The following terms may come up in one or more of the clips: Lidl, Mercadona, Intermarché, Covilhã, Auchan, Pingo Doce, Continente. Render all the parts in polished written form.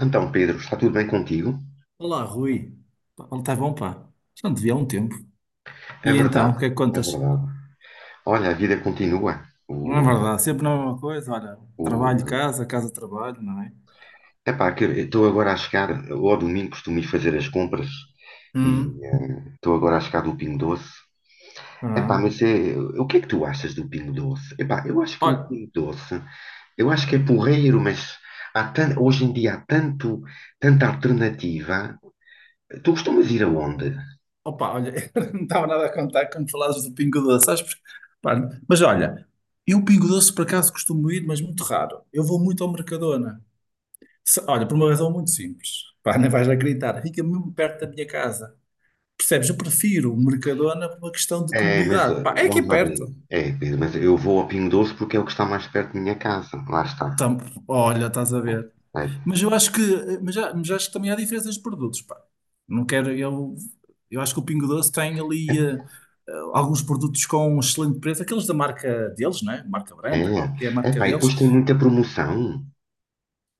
Então, Pedro, está tudo bem contigo? Olá, Rui. Pá, está bom, pá. Já não te vi há um tempo. É E então, o verdade, que é que é contas? verdade. Olha, a vida continua. O, Não é verdade, sempre na mesma coisa. Olha, trabalho, o, casa, casa, trabalho, não é? Epá, que eu estou agora a chegar, eu ao domingo costumo ir fazer as compras e Hum, estou agora a chegar do Pingo Doce. Epá, mas ah. é, o que é que tu achas do Pingo Doce? Epá, Olha, eu acho que é porreiro, mas hoje em dia há tanta alternativa. Tu costumas ir aonde? opa, olha, eu não estava nada a contar quando falavas do Pingo Doce, sabes? Pá, mas olha, eu Pingo Doce por acaso costumo ir, mas muito raro. Eu vou muito ao Mercadona. Olha, por uma razão muito simples. Pá, não vais acreditar. Fica mesmo perto da minha casa. Percebes? Eu prefiro o Mercadona por uma questão de É, mas comodidade. Pá, é aqui vamos lá ver. perto. É, Pedro, mas eu vou a Pingo Doce porque é o que está mais perto da minha casa. Lá está. Tam- Olha, estás a ver. É, Mas eu acho que, mas, mas acho que também há diferenças de produtos, pá. Não quero, eu acho que o Pingo Doce tem ali alguns produtos com um excelente preço, aqueles da marca deles, né? Marca é, branca, lá é, o que é a marca epá, e deles. depois tem muita promoção.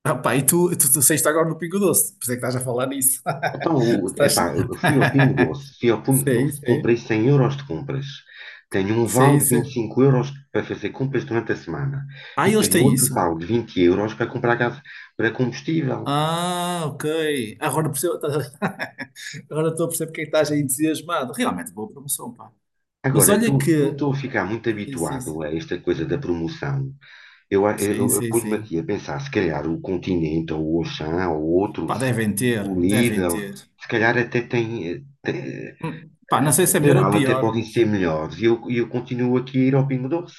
Ah, pá, e tu saíste agora no Pingo Doce, por isso é que estás a falar nisso. Então, Estás... epá, eu fui ao Pingo Doce, Sei, comprei sei, 100 € de compras. Tenho um vale sei, de 25 sei. euros para fazer compras durante a semana. Ah, E eles tenho têm outro isso. vale de 20 € para comprar gás, para combustível. Ah, ok. Agora percebo, agora estou a perceber porque é que estás aí entusiasmado. Realmente boa promoção, pá. Mas Agora, olha como que. estou a ficar muito Sim, sim, sim. habituado a esta coisa da promoção, Sim, eu sim, pus-me sim. aqui a pensar, se calhar o Continente, ou o Auchan, ou outros, Pá, devem ter, o devem Lidl, ter. se calhar até tem, Pá, não sei em se é melhor ou geral, até pior, podem ser mas. melhores. E eu continuo aqui a ir ao Pingo Doce.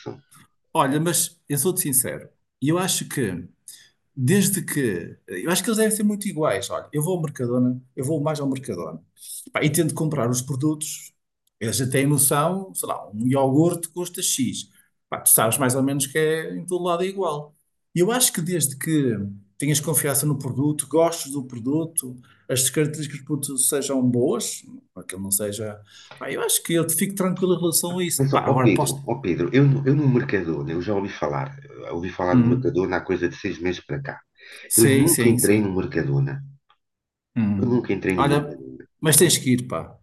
Olha, mas eu sou-te sincero. E eu acho que desde que, eu acho que eles devem ser muito iguais. Olha, eu vou ao Mercadona, eu vou mais ao Mercadona. Pá, e tento comprar os produtos. Eles já têm noção, sei lá, um iogurte custa X. Pá, tu sabes mais ou menos que é em todo lado é igual. E eu acho que desde que tenhas confiança no produto, gostes do produto, as características do produto sejam boas, para que ele não seja. Pá, eu acho que eu fico tranquilo em relação a isso. Mas, ó Pá, ó agora Pedro, posso. ó Pedro, eu, no Mercadona, eu ouvi falar do Hum. Mercadona há coisa de 6 meses para cá. Eu Sim, nunca sim, entrei no sim. Mercadona. Eu Hum. nunca entrei no Olha, Mercadona. mas tens que ir, pá.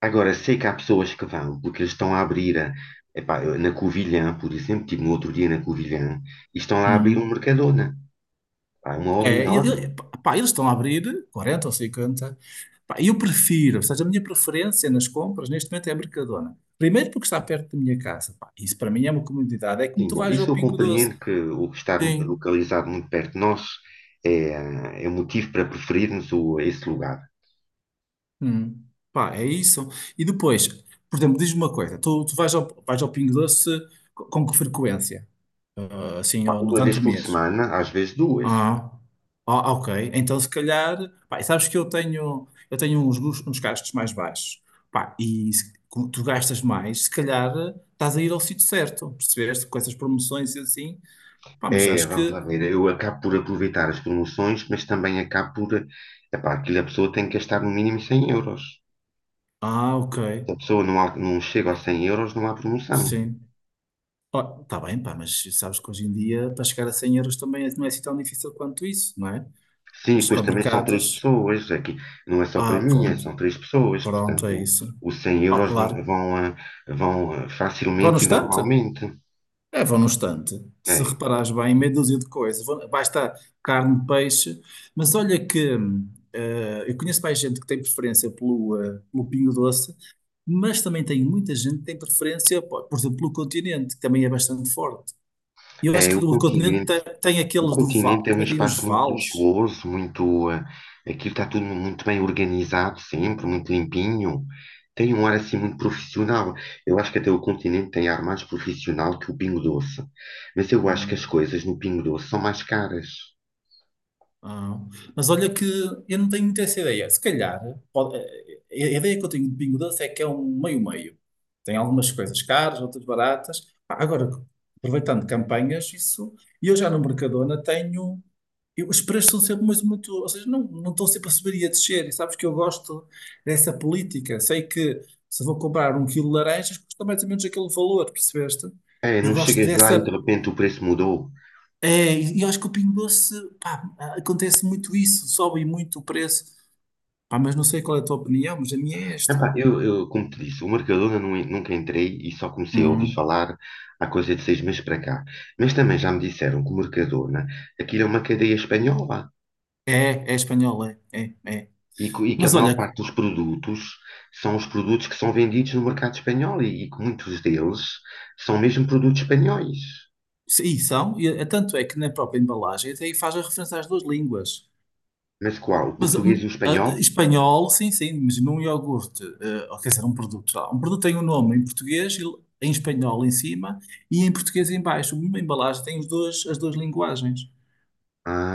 Agora, sei que há pessoas que vão, porque eles estão a abrir, na Covilhã, por exemplo, estive no outro dia na Covilhã, e estão lá a abrir um Hum. Mercadona. Pá, é uma obra É, enorme. Pá, eles estão a abrir quarenta ou 50. Pá, eu prefiro, ou seja, a minha preferência nas compras neste momento é a Mercadona. Primeiro porque está perto da minha casa. Pá, isso para mim é uma comodidade. É como Sim, tu bom, vais isso ao eu Pingo Doce. compreendo que o estar Sim. localizado muito perto de nós é motivo para preferirmos esse lugar. Hum. Pá, é isso. E depois, por exemplo, diz-me uma coisa. Tu, tu vais ao Pingo Doce com que frequência? Ah, assim, Pá, ou uma durante vez o por mês? semana, às vezes duas. Ah, ah, ok. Então, se calhar, pá, sabes que eu tenho uns, uns gastos mais baixos. Pá, e se, como tu gastas mais, se calhar estás a ir ao sítio certo, percebeste? Com essas promoções e assim. Pá, mas É, eu acho vamos lá que. ver, eu acabo por aproveitar as promoções, mas também acabo por, epá, aquilo a pessoa tem que gastar no mínimo 100 euros. Ah, ok. Se a pessoa não, não chega aos 100 euros, não há promoção. Sim. Ó, tá bem, pá, mas sabes que hoje em dia, para chegar a 100 euros também é, não é assim tão difícil quanto isso, não é? Os Sim, pois também são três supermercados. pessoas, aqui não é só para Ah, mim, pronto. são três pessoas, Pronto, é portanto, isso. os cem Ah, euros claro. Vão, Vão no facilmente e estante? normalmente. É, vão no estante. Se É, reparares bem, meia dúzia de coisas. Vai estar carne, peixe. Mas olha que eu conheço mais gente que tem preferência pelo, pelo Pingo Doce, mas também tem muita gente que tem preferência, pô, por exemplo, pelo Continente, que também é bastante forte. E eu acho é que o o Continente continente, tem, o aqueles do Continente Val, é um também tem uns espaço muito vales. luxuoso, muito, aquilo está tudo muito bem organizado sempre, muito limpinho, tem um ar assim muito profissional. Eu acho que até o Continente tem ar mais profissional que o Pingo Doce, mas eu acho que as Hum. coisas no Pingo Doce são mais caras. Ah, mas olha que eu não tenho muito essa ideia. Se calhar, pode- a a ideia que eu tenho de Bingo Doce é que é um meio-meio. Tem algumas coisas caras, outras baratas. Ah, agora, aproveitando campanhas, isso. E eu já no Mercadona tenho. Os preços são sempre muito, muito. Ou seja, não, não estão sempre a subir e a descer. E sabes que eu gosto dessa política. Sei que se vou comprar 1 quilo de laranjas, custa mais ou menos aquele valor, percebeste? É, Eu não gosto chegas lá e de dessa. repente o preço mudou. É, e eu acho que o Pingo Doce, pá, acontece muito isso, sobe muito o preço. Pá, mas não sei qual é a tua opinião, mas a minha é esta. Epá, eu, como te disse, o Mercadona nunca entrei e só comecei a ouvir Hum. falar há coisa de 6 meses para cá. Mas também já me disseram que o Mercadona, aquilo é uma cadeia espanhola É, é espanhol, é, é, é. E que a Mas maior olha, parte dos produtos são os produtos que são vendidos no mercado espanhol e que muitos deles são mesmo produtos espanhóis. E são, tanto é que na própria embalagem até aí faz a referência às duas línguas. Mas qual? O Mas português e o espanhol? espanhol, sim, sim, mas num iogurte, ou quer dizer, um produto, sei lá, um produto tem um nome em português, e em espanhol em cima e em português em baixo. Uma embalagem tem os dois, as duas linguagens.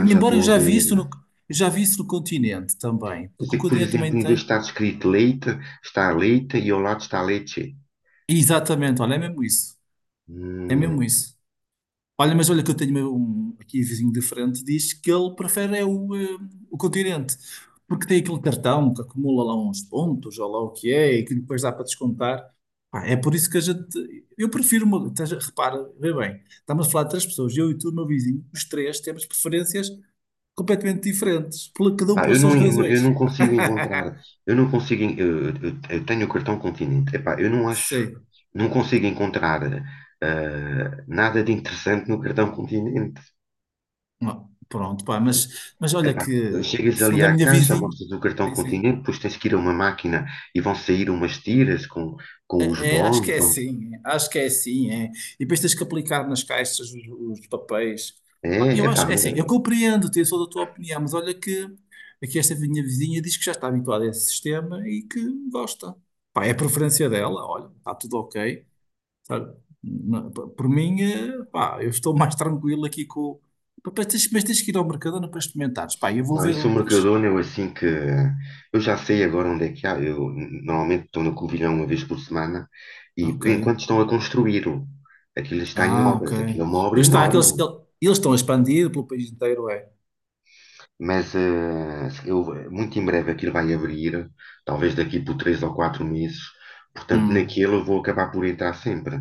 E, já embora eu estou a já vi ver. isso no, eu já vi isso no continente também, Quer porque dizer o que, por continente exemplo, também em vez de tem. estar escrito leite, está leite e ao lado está leite. Exatamente, olha, é mesmo isso. É mesmo isso. Olha, mas olha que eu tenho um, aqui vizinho de frente, diz que ele prefere é o, o continente, porque tem aquele cartão que acumula lá uns pontos, ou lá o que é, e que depois dá para descontar. Pá, é por isso que a gente. Eu prefiro. Uma, repara, vê bem, estamos a falar de três pessoas, eu e tu, meu vizinho, os três temos preferências completamente diferentes, cada um Pá, pelas suas eu razões. não consigo encontrar, eu não consigo, en- eu tenho o cartão Continente, epá, eu não acho, Sim. não consigo encontrar nada de interessante no cartão Continente. Ah, pronto, pá, mas olha Epá, que, chegas ali segundo a à minha caixa, vizinha, mostras o cartão sim, sim. Continente, depois tens que ir a uma máquina e vão sair umas tiras com, os É, é, acho que bónus. é assim, é, acho que é assim, é. E depois tens que aplicar nas caixas os papéis. É, Pá, eu epá, acho, é assim, eu compreendo, tenho sou da tua opinião, mas olha que aqui esta minha vizinha diz que já está habituada a esse sistema e que gosta. Pá, é a preferência dela, olha, está tudo ok, sabe? Por mim, pá, eu estou mais tranquilo aqui com. Pá, mas tens, mas tens que ir ao Mercadona para experimentares. Pá, eu vou não, ver. isso o Pois. Mercadona, eu assim que. Eu já sei agora onde é que há. Eu normalmente estou no Covilhão uma vez por semana e Ok. por enquanto estão a construí-lo. Aquilo está em Ah, ok. obras, aquilo é uma obra Pois está, aqueles, enorme. Eles estão a expandir pelo país inteiro, é. Mas muito em breve aquilo vai abrir, talvez daqui por 3 ou 4 meses. Portanto, Hum. naquilo eu vou acabar por entrar sempre,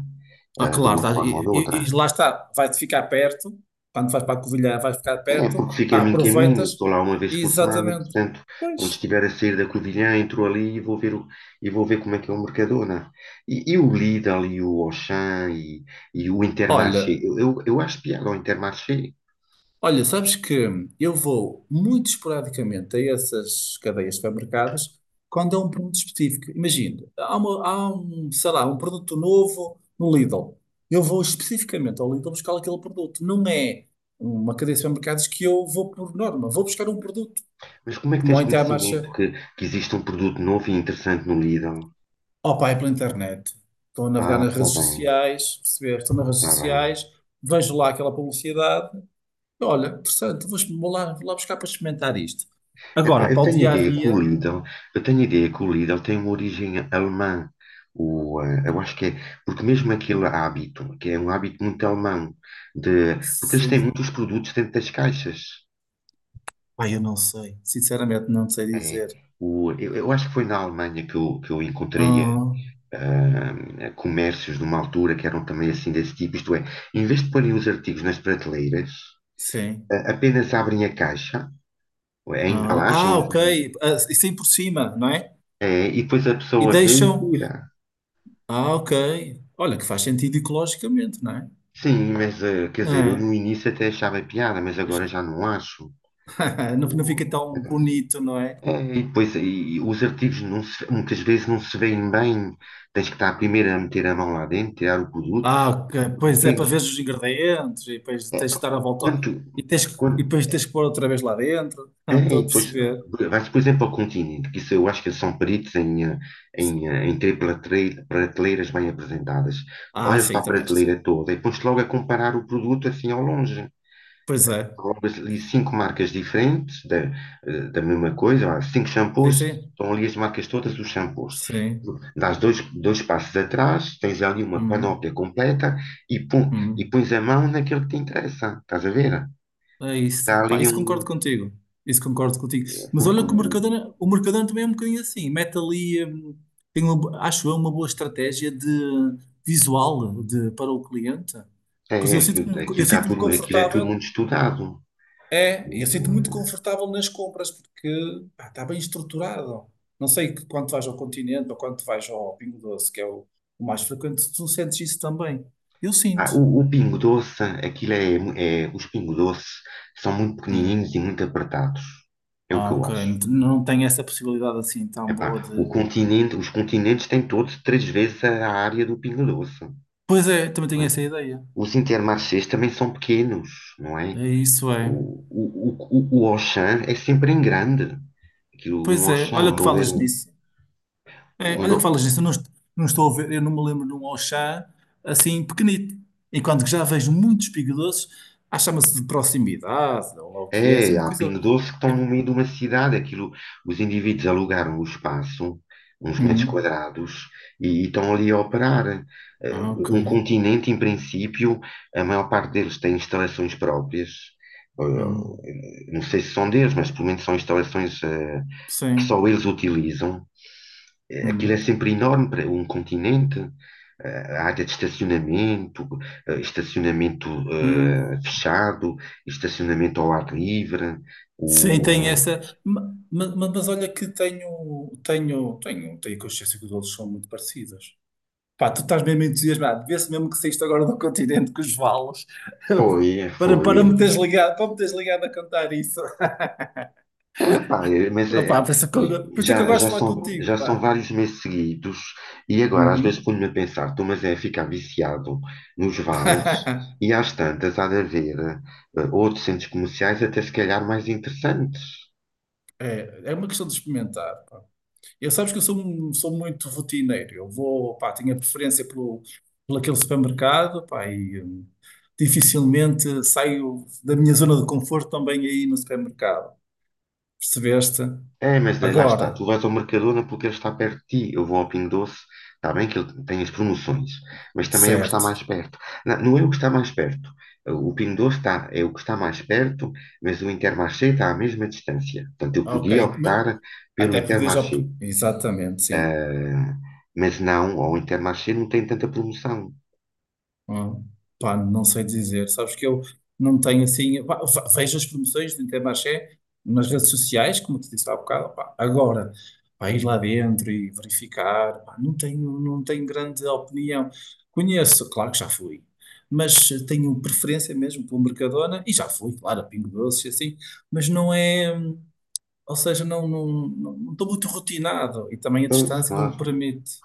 Ah, de claro, uma forma ou de outra. e lá está, vai-te ficar perto, quando vais para a Covilhã, vais ficar É perto, porque fico a ah, mim caminho, aproveitas, estou lá uma vez por semana, exatamente. portanto, quando Pois, estiver a sair da Covilhã, entro ali e vou ver, e vou ver como é que é o Mercadona. E o Lidl e o Auchan e o Intermarché. olha, Eu acho piada ao Intermarché, Olha, sabes que eu vou muito esporadicamente a essas cadeias de supermercados quando é um produto específico. Imagina, há, há um, sei lá, um produto novo no Lidl. Eu vou especificamente ao Lidl buscar aquele produto. Não é uma cadeia de supermercados que eu vou por norma. Vou buscar um produto, mas como é que como ao tens conhecimento Intermarché. que, existe um produto novo e interessante no Lidl? Opa, é pela internet. Estou a navegar Ah, nas está redes bem, sociais, perceber, estou nas redes está bem. sociais, vejo lá aquela publicidade. Olha, interessante, vou, vou lá buscar para experimentar isto. Agora, Epá, para o dia a dia, eu tenho a ideia que o Lidl tem uma origem alemã. O, eh, eu acho que é, Porque mesmo aquele hábito, que é um hábito muito alemão, de, porque eles têm se... muitos produtos dentro das caixas. Pai, eu não sei. Sinceramente, não sei É, dizer. Eu, acho que foi na Alemanha que eu encontrei Ah, comércios de uma altura que eram também assim desse tipo, isto é, em vez de porem os artigos nas prateleiras, sim. Apenas abrem a caixa, a Ah, embalagem ah, onde ok. vem, Ah, e sim por cima, não é? E depois a E pessoa vem e deixam. tira. Ah, ok. Olha, que faz sentido ecologicamente, não é? Sim, mas quer dizer, eu É. no início até achava piada, mas agora já não acho. Não, não fica O- tão bonito, não é? É, e depois e os artigos muitas vezes não se veem bem. Tens que estar primeiro a meter a mão lá dentro, tirar o produto. Ah, ok. Pois é, para Entendes? ver os ingredientes e depois tens que dar a Quando, volta tu- e, e quando, depois tens que pôr outra vez lá dentro. Ah, é, estou E a depois perceber. Vais, por exemplo, ao Continente, que isso eu acho que eles são peritos em, eh, em, eh, em ter prateleiras bem apresentadas. Ah, Olhas para sim, a também acho que sim. prateleira toda e pões logo a comparar o produto assim ao longe. Pois é. Colocas ali cinco marcas diferentes da mesma coisa, há cinco Sim, shampoos, sim. estão ali as marcas todas dos shampoos. Sim. Dás dois passos atrás, tens ali uma Hum, panóplia completa e, pum, e hum. pões a mão naquilo que te interessa, estás a ver? É Está isso. Pá, ali isso concordo um. contigo. Isso concordo contigo. Mas Porque olha que o Mercadona também é um bocadinho assim. Mete ali, tem uma, acho eu, uma boa estratégia de visual de, para o cliente. Pois aquilo, eu está sinto-me tudo, aquilo é tudo confortável. muito estudado. É, e eu O, sinto-me muito eh, confortável nas compras porque pá, está bem estruturado. Não sei que quando vais ao Continente ou quando vais ao Pingo Doce, que é o mais frequente, tu sentes isso também. Eu ah, sinto. O Pingo Doce, aquilo é, mu- é. Os Pingo Doce são muito Hum. pequenininhos e muito apertados. É o que Ah, eu ok. acho. Não tenho essa possibilidade assim tão boa de. Epá, os continentes têm todos três vezes a área do Pingo Doce. Pois é, também Não tenho é? essa ideia. Os Intermarchés também são pequenos, não é? É isso, é. O Auchan é sempre em grande. Aquilo, um Pois é, Auchan, olha que onde houver falas um, nisso. É, olha que onde, falas nisso, eu não, não estou a ver, eu não me lembro de um Auchan assim pequenito. Enquanto que já vejo muitos Pingo Doces, ah, chama-se de proximidade, ou lá o que é, assim é, uma há Pingo coisa. Doce que estão É... no meio de uma cidade. Aquilo, os indivíduos alugaram o espaço, uns metros Hum, quadrados, e estão ali a operar. Eh, ah, ok. Um continente, em princípio, a maior parte deles tem instalações próprias. Hum, Não sei se são deles, mas pelo menos são instalações que só sim. eles utilizam. Aquilo é Hum, sempre enorme para um Continente. A área de estacionamento, estacionamento hum. Fechado, estacionamento ao ar livre. Sim, O, tem eh, essa. Mas, olha que tenho consciência que os outros são muito parecidos. Pá, tu estás mesmo entusiasmado. Vê-se mesmo que saíste agora do continente com os valos. Foi, Para, para foi. me teres ligado, para me teres ligado a contar isso. Epá, mas opa por isso é que eu, por isso é que eu já, gosto de falar contigo, já são pá. vários meses seguidos e agora às vezes Uhum. ponho-me a pensar, estou mas é ficar viciado nos vales e às tantas há de haver outros centros comerciais até se calhar mais interessantes. É, é uma questão de experimentar, pá. Eu sabes que eu sou, sou muito rotineiro. Eu vou, pá, tenho a preferência pelo, por aquele supermercado, pá, e dificilmente saio da minha zona de conforto também aí no supermercado. Percebeste? É, mas daí lá está, tu Agora, vais ao Mercadona porque ele está perto de ti. Eu vou ao Pingo Doce, está bem que ele tem as promoções, mas também é o que está certo. mais perto. Não, não é o que está mais perto. O Pingo Doce é o que está mais perto, mas o Intermarché está à mesma distância. Portanto, eu podia Ok, mas optar pelo até podes... Intermarché. Exatamente, sim. Ah, mas não, o Intermarché não tem tanta promoção. Ah, pá, não sei dizer. Sabes que eu não tenho assim. Pá, vejo as promoções do Intermarché nas redes sociais, como te disse há bocado. Pá. Agora, pá, ir lá dentro e verificar, pá, não tenho, não tenho grande opinião. Conheço, claro que já fui, mas tenho preferência mesmo pelo Mercadona e já fui, claro, a Pingo Doce e assim, mas não é. Ou seja, não estou muito rotinado e também a Pois, distância não me claro. permite.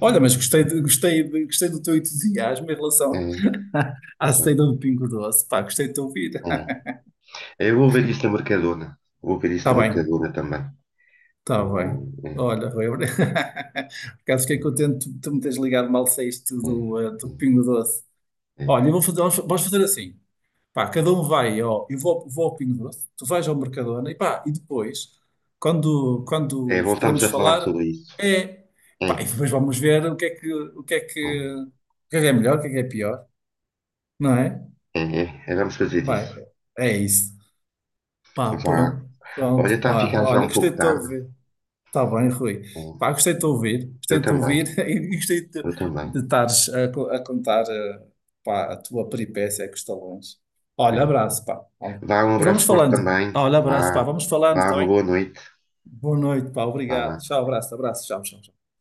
Olha, mas gostei, gostei, gostei do teu entusiasmo em É, relação é. à saída do Pingo Doce. Pá, gostei de te ouvir. Eu vou ver isso na Mercadona. Vou ver isso Está na bem, Mercadona também. está bem. É, Olha, Rui, por acaso fiquei contente de tu me teres ligado mal saíste é, do, do é. Pingo Doce. Olha, É, eu vou fazer, vamos fazer assim. Pá, cada um vai, ó, eu vou, vou ao Pingo Doce, tu vais ao Mercadona e pá, e depois, quando, é, quando voltamos podemos a falar falar, sobre isso. é... É, Pá, e depois vamos ver o que é que, o que é que, o que é melhor, o que é pior, não é? é, é, é, vamos fazer isso. Pá, é isso. Pá, Vá. pronto, Olha, pronto, está a pá. ficar já Olha, um gostei pouco de te tarde. ouvir. Está bem, Rui. É, Pá, gostei de te ouvir. Gostei eu de te também, ouvir e gostei eu também. de estares a, a contar, pá, a tua peripécia com os talões. Olha, É. abraço, pá. Olha. Vá, um Depois vamos abraço forte falando. também. Olha, abraço, pá. Vá, Vamos falando, vá, está uma bem? boa noite. Boa noite, pá. Obrigado. Vá. Tchau, abraço, abraço. Tchau, tchau.